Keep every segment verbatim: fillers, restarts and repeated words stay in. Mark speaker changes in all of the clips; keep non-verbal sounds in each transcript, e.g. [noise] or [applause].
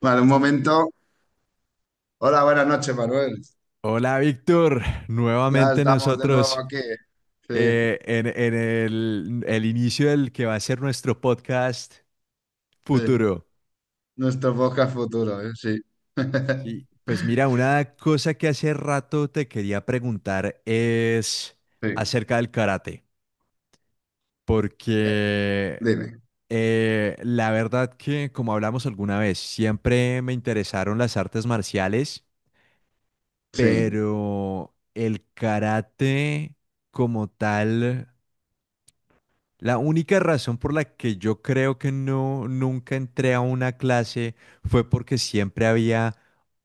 Speaker 1: Vale, un momento. Hola, buenas noches, Manuel.
Speaker 2: Hola Víctor,
Speaker 1: Ya
Speaker 2: nuevamente
Speaker 1: estamos de nuevo
Speaker 2: nosotros
Speaker 1: aquí. Sí,
Speaker 2: eh, en, en el, el inicio del que va a ser nuestro podcast
Speaker 1: sí.
Speaker 2: futuro.
Speaker 1: Nuestro podcast futuro, ¿eh? Sí. [laughs]
Speaker 2: Sí, pues mira, una cosa que hace rato te quería preguntar es
Speaker 1: Sí.
Speaker 2: acerca del karate,
Speaker 1: Eh,
Speaker 2: porque
Speaker 1: dime.
Speaker 2: eh, la verdad que, como hablamos alguna vez, siempre me interesaron las artes marciales,
Speaker 1: Sí,
Speaker 2: pero el karate como tal. La única razón por la que yo creo que no nunca entré a una clase fue porque siempre había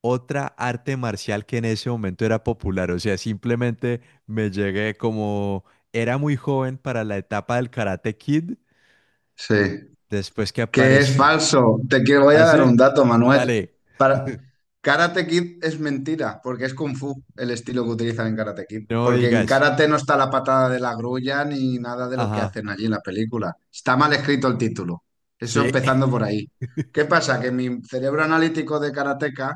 Speaker 2: otra arte marcial que en ese momento era popular. O sea, simplemente me llegué como era muy joven para la etapa del Karate Kid,
Speaker 1: sí.
Speaker 2: después que
Speaker 1: Que es
Speaker 2: apareció.
Speaker 1: falso. Te quiero, voy a dar un
Speaker 2: Hace,
Speaker 1: dato, Manuel.
Speaker 2: dale,
Speaker 1: Para... Karate Kid es mentira, porque es Kung Fu el estilo que utilizan en Karate Kid.
Speaker 2: no
Speaker 1: Porque en
Speaker 2: digas.
Speaker 1: Karate no está la patada de la grulla ni nada de lo que
Speaker 2: Ajá,
Speaker 1: hacen allí en la película. Está mal escrito el título. Eso
Speaker 2: sí,
Speaker 1: empezando
Speaker 2: [laughs]
Speaker 1: por ahí. ¿Qué pasa? Que mi cerebro analítico de karateca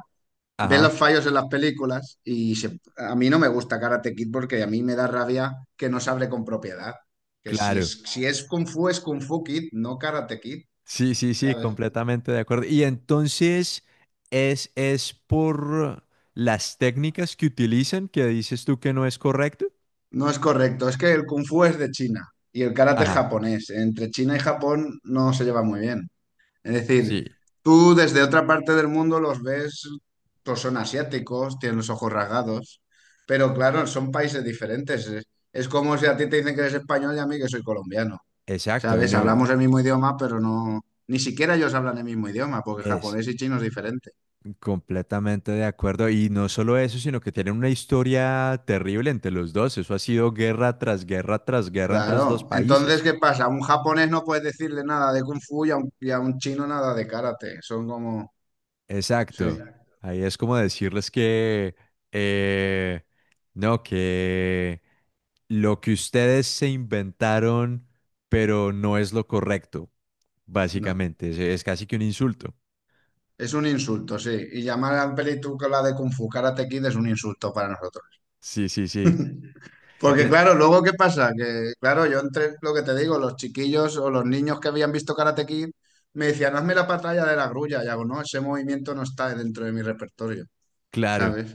Speaker 1: ve los
Speaker 2: ajá,
Speaker 1: fallos en las películas y se- a mí no me gusta Karate Kid porque a mí me da rabia que no se hable con propiedad. Que si
Speaker 2: claro.
Speaker 1: es, si es Kung Fu, es Kung Fu Kid, no Karate Kid,
Speaker 2: Sí, sí, sí,
Speaker 1: ¿sabes?
Speaker 2: completamente de acuerdo. Y entonces es, es por las técnicas que utilizan que dices tú que no es correcto.
Speaker 1: No es correcto, es que el kung fu es de China y el karate es
Speaker 2: Ajá,
Speaker 1: japonés. Entre China y Japón no se lleva muy bien. Es decir,
Speaker 2: sí,
Speaker 1: tú desde otra parte del mundo los ves, pues son asiáticos, tienen los ojos rasgados, pero claro, son países diferentes. Es, es como si a ti te dicen que eres español y a mí que soy colombiano.
Speaker 2: exacto. Y
Speaker 1: ¿Sabes?
Speaker 2: no
Speaker 1: Hablamos el mismo idioma, pero no, ni siquiera ellos hablan el mismo idioma, porque
Speaker 2: es
Speaker 1: japonés y chino es diferente.
Speaker 2: completamente de acuerdo. Y no solo eso, sino que tienen una historia terrible entre los dos. Eso ha sido guerra tras guerra tras guerra entre los dos
Speaker 1: Claro. Entonces,
Speaker 2: países.
Speaker 1: ¿qué pasa? A un japonés no puedes decirle nada de kung fu y a un, y a un chino nada de karate. Son como... Sí,
Speaker 2: Exacto. Ahí es como decirles que, eh, no, que lo que ustedes se inventaron, pero no es lo correcto,
Speaker 1: no.
Speaker 2: básicamente. Es, es casi que un insulto.
Speaker 1: Es un insulto, sí. Y llamar a un película de kung fu Karate Kid es un insulto para nosotros.
Speaker 2: Sí, sí, sí. Y
Speaker 1: Porque
Speaker 2: e-
Speaker 1: claro, luego ¿qué pasa? Que claro, yo entre lo que te digo, los chiquillos o los niños que habían visto Karate Kid me decían, hazme la pantalla de la grulla. Y hago, no, ese movimiento no está dentro de mi repertorio,
Speaker 2: claro.
Speaker 1: ¿sabes?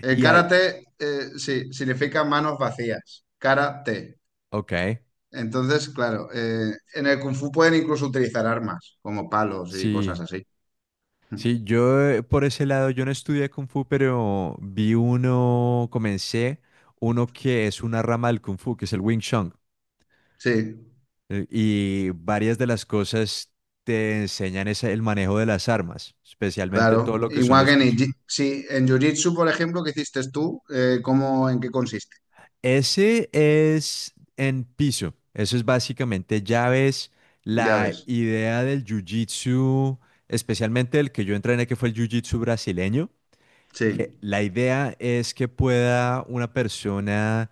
Speaker 1: El
Speaker 2: Y hay,
Speaker 1: karate, eh, sí, significa manos vacías. Karate.
Speaker 2: ok,
Speaker 1: Entonces, claro, eh, en el Kung Fu pueden incluso utilizar armas, como palos y cosas
Speaker 2: sí.
Speaker 1: así.
Speaker 2: Sí, yo eh, por ese lado, yo no estudié Kung Fu, pero vi uno, comencé uno que es una rama del Kung Fu, que es el Wing Chun.
Speaker 1: Sí,
Speaker 2: Eh, Y varias de las cosas te enseñan ese- el manejo de las armas, especialmente todo
Speaker 1: claro.
Speaker 2: lo que son
Speaker 1: Igual
Speaker 2: los
Speaker 1: que en,
Speaker 2: cuchillos.
Speaker 1: Iji- sí, en Jiu-Jitsu, por ejemplo, que hiciste tú, eh, ¿cómo, en qué consiste?
Speaker 2: Ese es en piso. Eso es básicamente llaves.
Speaker 1: Ya
Speaker 2: La
Speaker 1: ves.
Speaker 2: idea del jiu-jitsu, especialmente el que yo entrené, que fue el jiu-jitsu brasileño,
Speaker 1: Sí,
Speaker 2: que la idea es que pueda una persona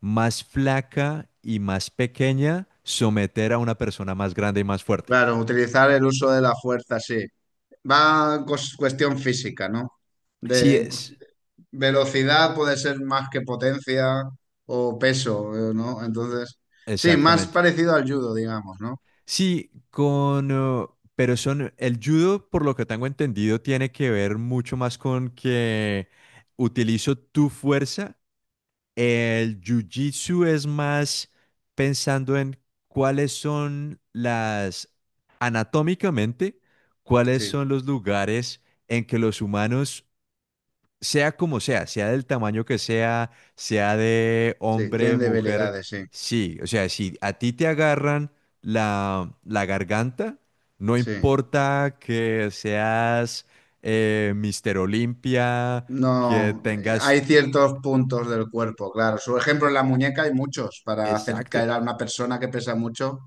Speaker 2: más flaca y más pequeña someter a una persona más grande y más fuerte.
Speaker 1: claro, utilizar el uso de la fuerza, sí. Va cos- cuestión física, ¿no?
Speaker 2: Así
Speaker 1: De
Speaker 2: es,
Speaker 1: velocidad puede ser más que potencia o peso, eh, ¿no? Entonces, sí, más
Speaker 2: exactamente.
Speaker 1: parecido al judo, digamos, ¿no?
Speaker 2: Sí, con, eh, pero son, el judo, por lo que tengo entendido, tiene que ver mucho más con que utilizo tu fuerza. El jiu-jitsu es más pensando en cuáles son las, anatómicamente, cuáles son
Speaker 1: Sí,
Speaker 2: los lugares en que los humanos sea como sea, sea del tamaño que sea, sea de
Speaker 1: sí,
Speaker 2: hombre,
Speaker 1: tienen
Speaker 2: mujer,
Speaker 1: debilidades, sí,
Speaker 2: sí, o sea, si a ti te agarran la, la garganta, no
Speaker 1: sí.
Speaker 2: importa que seas eh, Mister Olimpia, que
Speaker 1: No, eh,
Speaker 2: tengas.
Speaker 1: hay ciertos puntos del cuerpo, claro. Su ejemplo, en la muñeca hay muchos para hacer
Speaker 2: Exacto.
Speaker 1: caer a una persona que pesa mucho.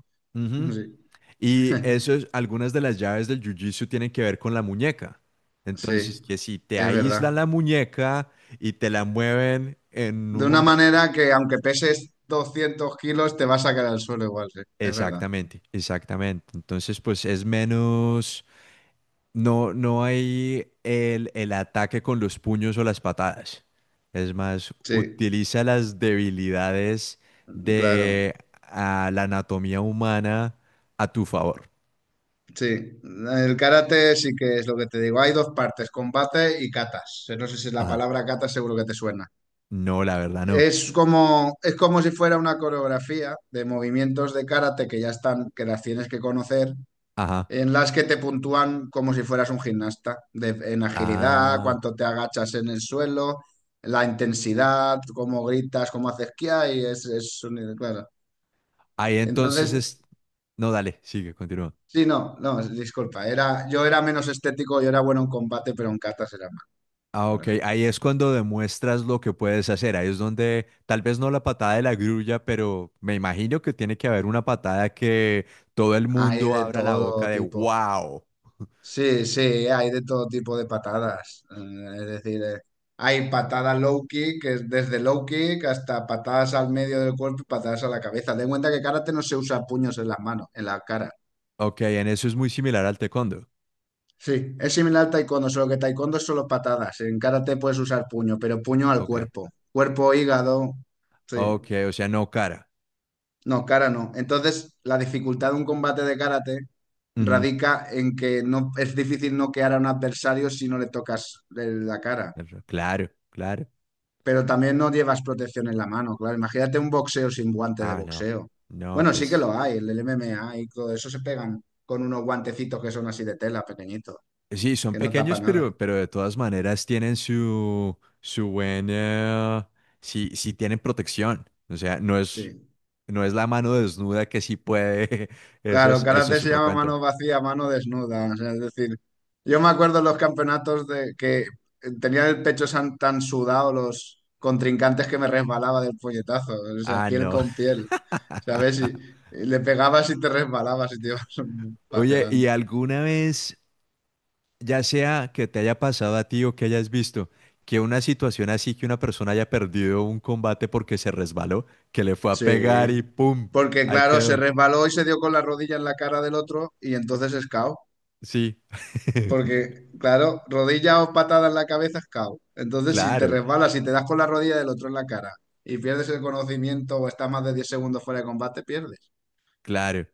Speaker 1: [laughs]
Speaker 2: Ujú.
Speaker 1: Sí,
Speaker 2: Y eso es, algunas de las llaves del Jiu-Jitsu tienen que ver con la muñeca.
Speaker 1: sí,
Speaker 2: Entonces, que si te
Speaker 1: es
Speaker 2: aíslan la
Speaker 1: verdad.
Speaker 2: muñeca y te la mueven en
Speaker 1: De
Speaker 2: un
Speaker 1: una
Speaker 2: momento.
Speaker 1: manera que aunque peses doscientos kilos, te vas a caer al suelo igual, sí, es verdad.
Speaker 2: Exactamente, exactamente. Entonces, pues es menos, no, no hay el, el ataque con los puños o las patadas. Es más,
Speaker 1: Sí,
Speaker 2: utiliza las debilidades
Speaker 1: claro,
Speaker 2: de ah, la anatomía humana a tu favor.
Speaker 1: sí. El karate sí que es lo que te digo. Hay dos partes, combate y katas. No sé si la
Speaker 2: Ajá.
Speaker 1: palabra kata seguro que te suena.
Speaker 2: No, la verdad no.
Speaker 1: Es como, es como si fuera una coreografía de movimientos de karate que ya están, que las tienes que conocer
Speaker 2: Ajá.
Speaker 1: en las que te puntúan como si fueras un gimnasta, de- en agilidad,
Speaker 2: Ah.
Speaker 1: cuánto te agachas en el suelo, la intensidad, cómo gritas, cómo haces kia y es, es un- claro.
Speaker 2: Ahí entonces
Speaker 1: Entonces,
Speaker 2: es. No, dale, sigue, continúa.
Speaker 1: sí, no, no, disculpa, era, yo era menos estético, yo era bueno en combate, pero en catas era mal
Speaker 2: Ah,
Speaker 1: por
Speaker 2: ok.
Speaker 1: ejemplo.
Speaker 2: Ahí es cuando demuestras lo que puedes hacer. Ahí es donde, tal vez no la patada de la grulla, pero me imagino que tiene que haber una patada que todo el
Speaker 1: Hay
Speaker 2: mundo
Speaker 1: de
Speaker 2: abra la boca
Speaker 1: todo
Speaker 2: de
Speaker 1: tipo.
Speaker 2: wow.
Speaker 1: Sí, sí, hay de todo tipo de patadas. Eh, Es decir, eh, hay patadas low kick, que es desde low kick hasta patadas al medio del cuerpo y patadas a la cabeza. Ten en cuenta que karate no se usa puños en las manos, en la cara.
Speaker 2: Ok, en eso es muy similar al taekwondo.
Speaker 1: Sí, es similar al taekwondo, solo que taekwondo es solo patadas. En karate puedes usar puño, pero puño al
Speaker 2: Ok.
Speaker 1: cuerpo. Cuerpo, hígado. Sí.
Speaker 2: Ok, o sea, no cara.
Speaker 1: No, cara no. Entonces, la dificultad de un combate de karate
Speaker 2: Ujú.
Speaker 1: radica en que no es difícil noquear a un adversario si no le tocas eh, la cara.
Speaker 2: Pero claro, claro.
Speaker 1: Pero también no llevas protección en la mano, claro. Imagínate un boxeo sin guantes de
Speaker 2: Ah, no.
Speaker 1: boxeo.
Speaker 2: No,
Speaker 1: Bueno, sí que lo
Speaker 2: pues.
Speaker 1: hay, el del M M A y todo eso se pegan con unos guantecitos que son así de tela, pequeñitos,
Speaker 2: Sí, son
Speaker 1: que no tapa
Speaker 2: pequeños,
Speaker 1: nada.
Speaker 2: pero, pero de todas maneras tienen su, su buena. Sí, sí tienen protección. O sea, no es.
Speaker 1: Sí.
Speaker 2: No es la mano desnuda que sí puede. [laughs] Eso
Speaker 1: Claro,
Speaker 2: es, eso
Speaker 1: karate
Speaker 2: es
Speaker 1: se
Speaker 2: otro
Speaker 1: llama
Speaker 2: cuento.
Speaker 1: mano vacía, mano desnuda. O sea, es decir, yo me acuerdo en los campeonatos de que tenían el pecho san- tan, sudado los contrincantes que me resbalaba del puñetazo. O sea,
Speaker 2: Ah,
Speaker 1: piel
Speaker 2: no.
Speaker 1: con piel.
Speaker 2: [laughs]
Speaker 1: ¿Sabes? Y, y le pegabas y te resbalabas y te ibas [laughs] hacia
Speaker 2: Oye, ¿y
Speaker 1: adelante.
Speaker 2: alguna vez, ya sea que te haya pasado a ti o que hayas visto, que una situación así que una persona haya perdido un combate porque se resbaló, que le fue a pegar
Speaker 1: Sí,
Speaker 2: y ¡pum!
Speaker 1: porque
Speaker 2: Ahí
Speaker 1: claro, se
Speaker 2: quedó.
Speaker 1: resbaló y se dio con la rodilla en la cara del otro y entonces es K O.
Speaker 2: Sí,
Speaker 1: Porque claro, rodilla o patada en la cabeza es K O. Entonces si te
Speaker 2: claro,
Speaker 1: resbalas y te das con la rodilla del otro en la cara y pierdes el conocimiento o estás más de diez segundos fuera de combate, pierdes.
Speaker 2: claro.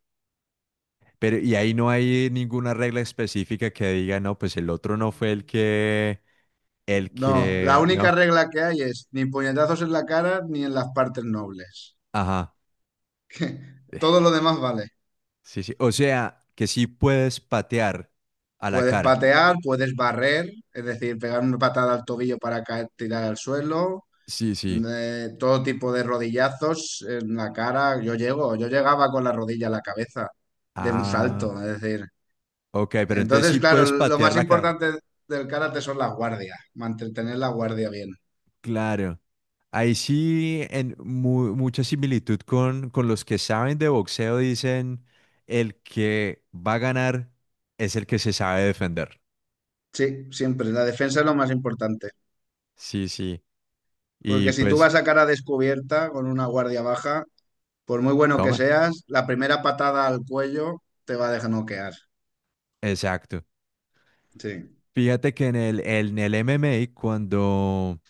Speaker 2: Pero y ahí no hay ninguna regla específica que diga, no, pues el otro no fue el que, el
Speaker 1: No, la
Speaker 2: que,
Speaker 1: única
Speaker 2: no.
Speaker 1: regla que hay es ni puñetazos en la cara ni en las partes nobles. [laughs]
Speaker 2: Ajá.
Speaker 1: Que todo lo demás vale.
Speaker 2: Sí, sí. O sea, que sí puedes patear a la
Speaker 1: Puedes
Speaker 2: cara.
Speaker 1: patear, puedes barrer, es decir, pegar una patada al tobillo para caer, tirar al suelo.
Speaker 2: Sí, sí.
Speaker 1: eh, todo tipo de rodillazos en la cara. Yo llego, yo llegaba con la rodilla a la cabeza de un salto,
Speaker 2: Ah,
Speaker 1: es decir.
Speaker 2: ok, pero entonces
Speaker 1: Entonces,
Speaker 2: sí
Speaker 1: claro,
Speaker 2: puedes
Speaker 1: lo
Speaker 2: patear
Speaker 1: más
Speaker 2: la cara.
Speaker 1: importante del karate son las guardias, mantener la guardia bien.
Speaker 2: Claro. Ahí sí, en mu- mucha similitud con, con, los que saben de boxeo, dicen, el que va a ganar es el que se sabe defender.
Speaker 1: Sí, siempre, la defensa es lo más importante.
Speaker 2: Sí, sí. Y
Speaker 1: Porque si tú
Speaker 2: pues,
Speaker 1: vas a cara descubierta con una guardia baja, por muy bueno que
Speaker 2: toma.
Speaker 1: seas, la primera patada al cuello te va a dejar noquear.
Speaker 2: Exacto.
Speaker 1: Sí,
Speaker 2: Fíjate que en el, en el M M A, cuando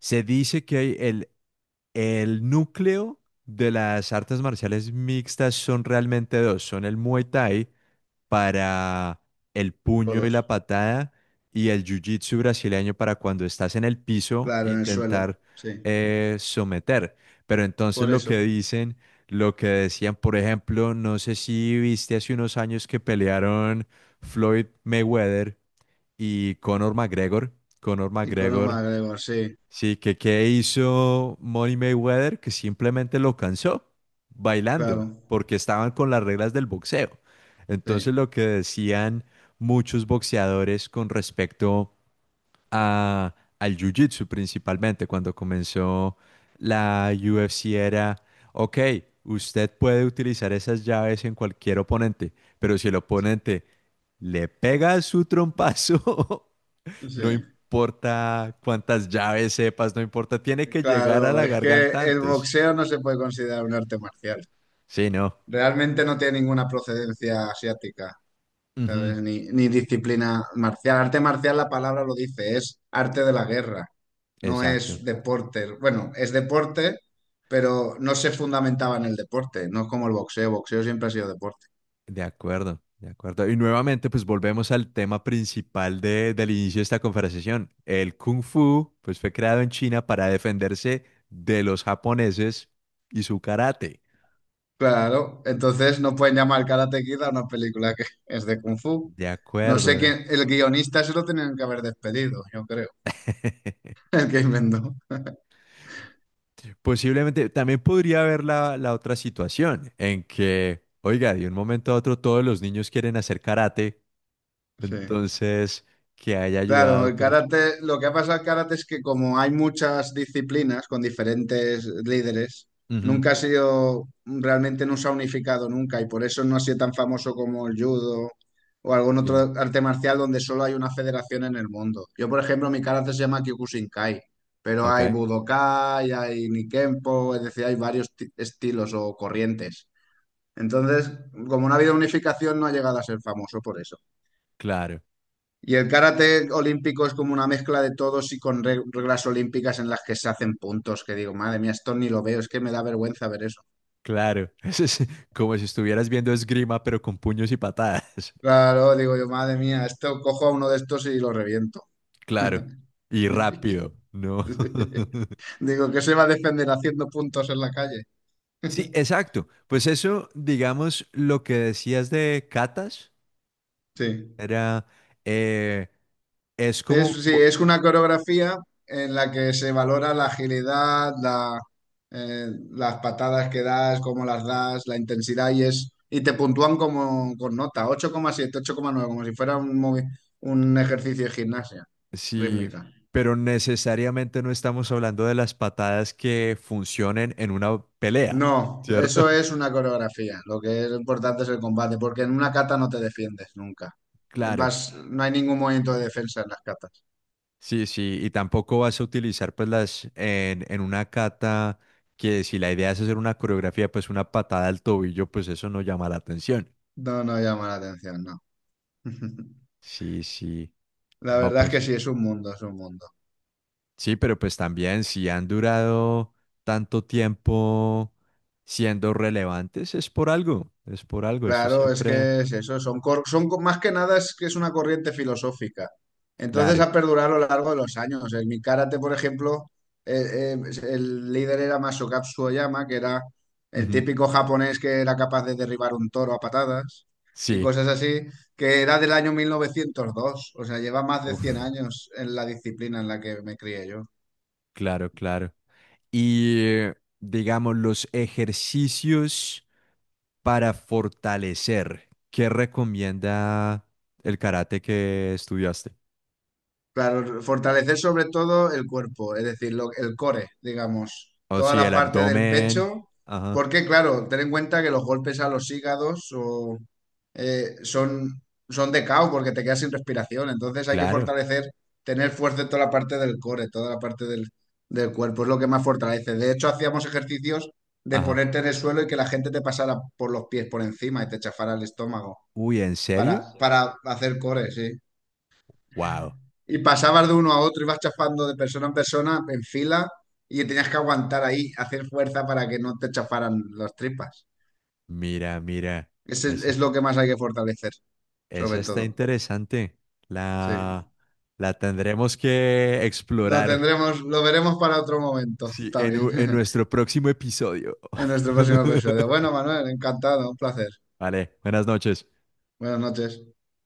Speaker 2: se dice que hay el, el núcleo de las artes marciales mixtas son realmente dos, son el Muay Thai para el puño y la
Speaker 1: todos.
Speaker 2: patada y el Jiu-Jitsu brasileño para cuando estás en el piso
Speaker 1: Claro, en el suelo.
Speaker 2: intentar
Speaker 1: Sí,
Speaker 2: eh, someter. Pero entonces
Speaker 1: por
Speaker 2: lo
Speaker 1: eso.
Speaker 2: que dicen, lo que decían, por ejemplo, no sé si viste hace unos años que pelearon Floyd Mayweather y Conor McGregor. Conor
Speaker 1: Y con un
Speaker 2: McGregor,
Speaker 1: McGregor, sí,
Speaker 2: sí, que qué hizo Money Mayweather, que simplemente lo cansó bailando,
Speaker 1: claro.
Speaker 2: porque estaban con las reglas del boxeo.
Speaker 1: Sí.
Speaker 2: Entonces lo que decían muchos boxeadores con respecto a, al jiu-jitsu principalmente, cuando comenzó la U F C era, ok, usted puede utilizar esas llaves en cualquier oponente, pero si el oponente le pega su trompazo. [laughs]
Speaker 1: Sí,
Speaker 2: No importa cuántas llaves sepas, no importa, tiene que llegar a
Speaker 1: claro,
Speaker 2: la
Speaker 1: es que
Speaker 2: garganta
Speaker 1: el
Speaker 2: antes.
Speaker 1: boxeo no se puede considerar un arte marcial.
Speaker 2: Sí, no.
Speaker 1: Realmente no tiene ninguna procedencia asiática,
Speaker 2: Ujú.
Speaker 1: ¿sabes? Ni, ni disciplina marcial. Arte marcial, la palabra lo dice, es arte de la guerra, no
Speaker 2: Exacto.
Speaker 1: es deporte. Bueno, es deporte, pero no se fundamentaba en el deporte, no es como el boxeo, boxeo siempre ha sido deporte.
Speaker 2: De acuerdo, de acuerdo. Y nuevamente, pues volvemos al tema principal de- del inicio de esta conversación. El Kung Fu, pues fue creado en China para defenderse de los japoneses y su karate.
Speaker 1: Claro, entonces no pueden llamar Karate Kid a una película que [laughs] es de Kung Fu.
Speaker 2: De
Speaker 1: No
Speaker 2: acuerdo.
Speaker 1: sé
Speaker 2: eh.
Speaker 1: quién, el guionista se lo tenían que haber despedido, yo creo,
Speaker 2: [laughs]
Speaker 1: [laughs] el que inventó.
Speaker 2: Posiblemente también podría haber la, la otra situación en que, oiga, de un momento a otro todos los niños quieren hacer karate.
Speaker 1: Sí.
Speaker 2: Entonces, que haya
Speaker 1: Claro,
Speaker 2: ayudado,
Speaker 1: el
Speaker 2: pero.
Speaker 1: karate, lo que ha pasado al karate es que como hay muchas disciplinas con diferentes líderes,
Speaker 2: Ujú,
Speaker 1: nunca ha sido, realmente no se ha unificado nunca y por eso no ha sido tan famoso como el judo o algún
Speaker 2: sí.
Speaker 1: otro arte marcial donde solo hay una federación en el mundo. Yo, por ejemplo, mi karate se llama Kyokushinkai, pero
Speaker 2: Ok,
Speaker 1: hay Budokai, hay Nikempo, es decir, hay varios ti- estilos o corrientes. Entonces, como no ha habido unificación, no ha llegado a ser famoso por eso.
Speaker 2: claro,
Speaker 1: Y el karate olímpico es como una mezcla de todos y con re- reglas olímpicas en las que se hacen puntos, que digo, madre mía, esto ni lo veo, es que me da vergüenza ver eso.
Speaker 2: claro. [laughs] Eso es como si estuvieras viendo esgrima, pero con puños y patadas. [laughs]
Speaker 1: Claro, digo yo, madre mía, esto cojo a uno de estos y lo reviento.
Speaker 2: Claro. Y rápido, ¿no?
Speaker 1: [laughs]
Speaker 2: [laughs]
Speaker 1: Digo, que se va a defender haciendo puntos en la calle.
Speaker 2: Sí,
Speaker 1: [laughs]
Speaker 2: exacto. Pues eso, digamos, lo que decías de catas,
Speaker 1: Sí.
Speaker 2: era. Eh, es como,
Speaker 1: Es, sí,
Speaker 2: mo-
Speaker 1: es una coreografía en la que se valora la agilidad, la, eh, las patadas que das, cómo las das, la intensidad y es y te puntúan como con nota, ocho ocho coma siete, ocho coma nueve, como si fuera un, movi- un ejercicio de gimnasia
Speaker 2: sí,
Speaker 1: rítmica.
Speaker 2: pero necesariamente no estamos hablando de las patadas que funcionen en una pelea,
Speaker 1: No,
Speaker 2: ¿cierto?
Speaker 1: eso es una coreografía. Lo que es importante es el combate, porque en una kata no te defiendes nunca.
Speaker 2: [laughs] Claro.
Speaker 1: Vas, no hay ningún movimiento de defensa en las katas.
Speaker 2: Sí, sí, y tampoco vas a utilizar pues las en, en una cata que si la idea es hacer una coreografía, pues una patada al tobillo, pues eso no llama la atención.
Speaker 1: No, no llama la atención, no. [laughs]
Speaker 2: Sí, sí.
Speaker 1: La
Speaker 2: No,
Speaker 1: verdad es
Speaker 2: pues
Speaker 1: que sí, es un mundo, es un mundo.
Speaker 2: sí, pero pues también si han durado tanto tiempo siendo relevantes, es por algo, es por algo, eso
Speaker 1: Claro, es
Speaker 2: siempre,
Speaker 1: que es eso, son, cor- son co- más que nada es que es una corriente filosófica. Entonces
Speaker 2: claro.
Speaker 1: ha perdurado a lo largo de los años. En mi karate, por ejemplo, eh, eh, pues, el líder era Masokatsu Oyama, que era el
Speaker 2: Ujú.
Speaker 1: típico japonés que era capaz de derribar un toro a patadas y
Speaker 2: Sí,
Speaker 1: cosas así, que era del año mil novecientos dos. O sea, lleva más de
Speaker 2: uf,
Speaker 1: cien años en la disciplina en la que me crié yo.
Speaker 2: claro, claro. Y eh, digamos los ejercicios para fortalecer. ¿Qué recomienda el karate que estudiaste?
Speaker 1: Claro, fortalecer sobre todo el cuerpo, es decir, lo- el core, digamos,
Speaker 2: O
Speaker 1: toda
Speaker 2: sí,
Speaker 1: la
Speaker 2: el
Speaker 1: parte del
Speaker 2: abdomen.
Speaker 1: pecho,
Speaker 2: Ajá,
Speaker 1: porque claro, ten en cuenta que los golpes a los hígados o, eh, son, son de caos porque te quedas sin respiración, entonces hay que
Speaker 2: claro.
Speaker 1: fortalecer, tener fuerza en toda la parte del core, toda la parte del, del cuerpo, es lo que más fortalece. De hecho, hacíamos ejercicios de
Speaker 2: Ajá.
Speaker 1: ponerte en el suelo y que la gente te pasara por los pies por encima y te chafara el estómago
Speaker 2: Uy, ¿en serio?
Speaker 1: para, Sí. para hacer core, sí.
Speaker 2: Wow.
Speaker 1: Y pasabas de uno a otro, ibas chafando de persona en persona, en fila, y tenías que aguantar ahí, hacer fuerza para que no te chafaran las tripas.
Speaker 2: Mira, mira.
Speaker 1: Ese es
Speaker 2: Ese,
Speaker 1: es lo que más hay que fortalecer,
Speaker 2: esa
Speaker 1: sobre
Speaker 2: está
Speaker 1: todo.
Speaker 2: interesante.
Speaker 1: Sí.
Speaker 2: La, la tendremos que
Speaker 1: Lo
Speaker 2: explorar.
Speaker 1: tendremos, lo veremos para otro momento
Speaker 2: Sí, en,
Speaker 1: también,
Speaker 2: u- en
Speaker 1: [laughs]
Speaker 2: nuestro próximo episodio.
Speaker 1: en nuestro próximo episodio.
Speaker 2: [laughs]
Speaker 1: Bueno, Manuel, encantado, un placer.
Speaker 2: Vale, buenas noches.
Speaker 1: Buenas noches.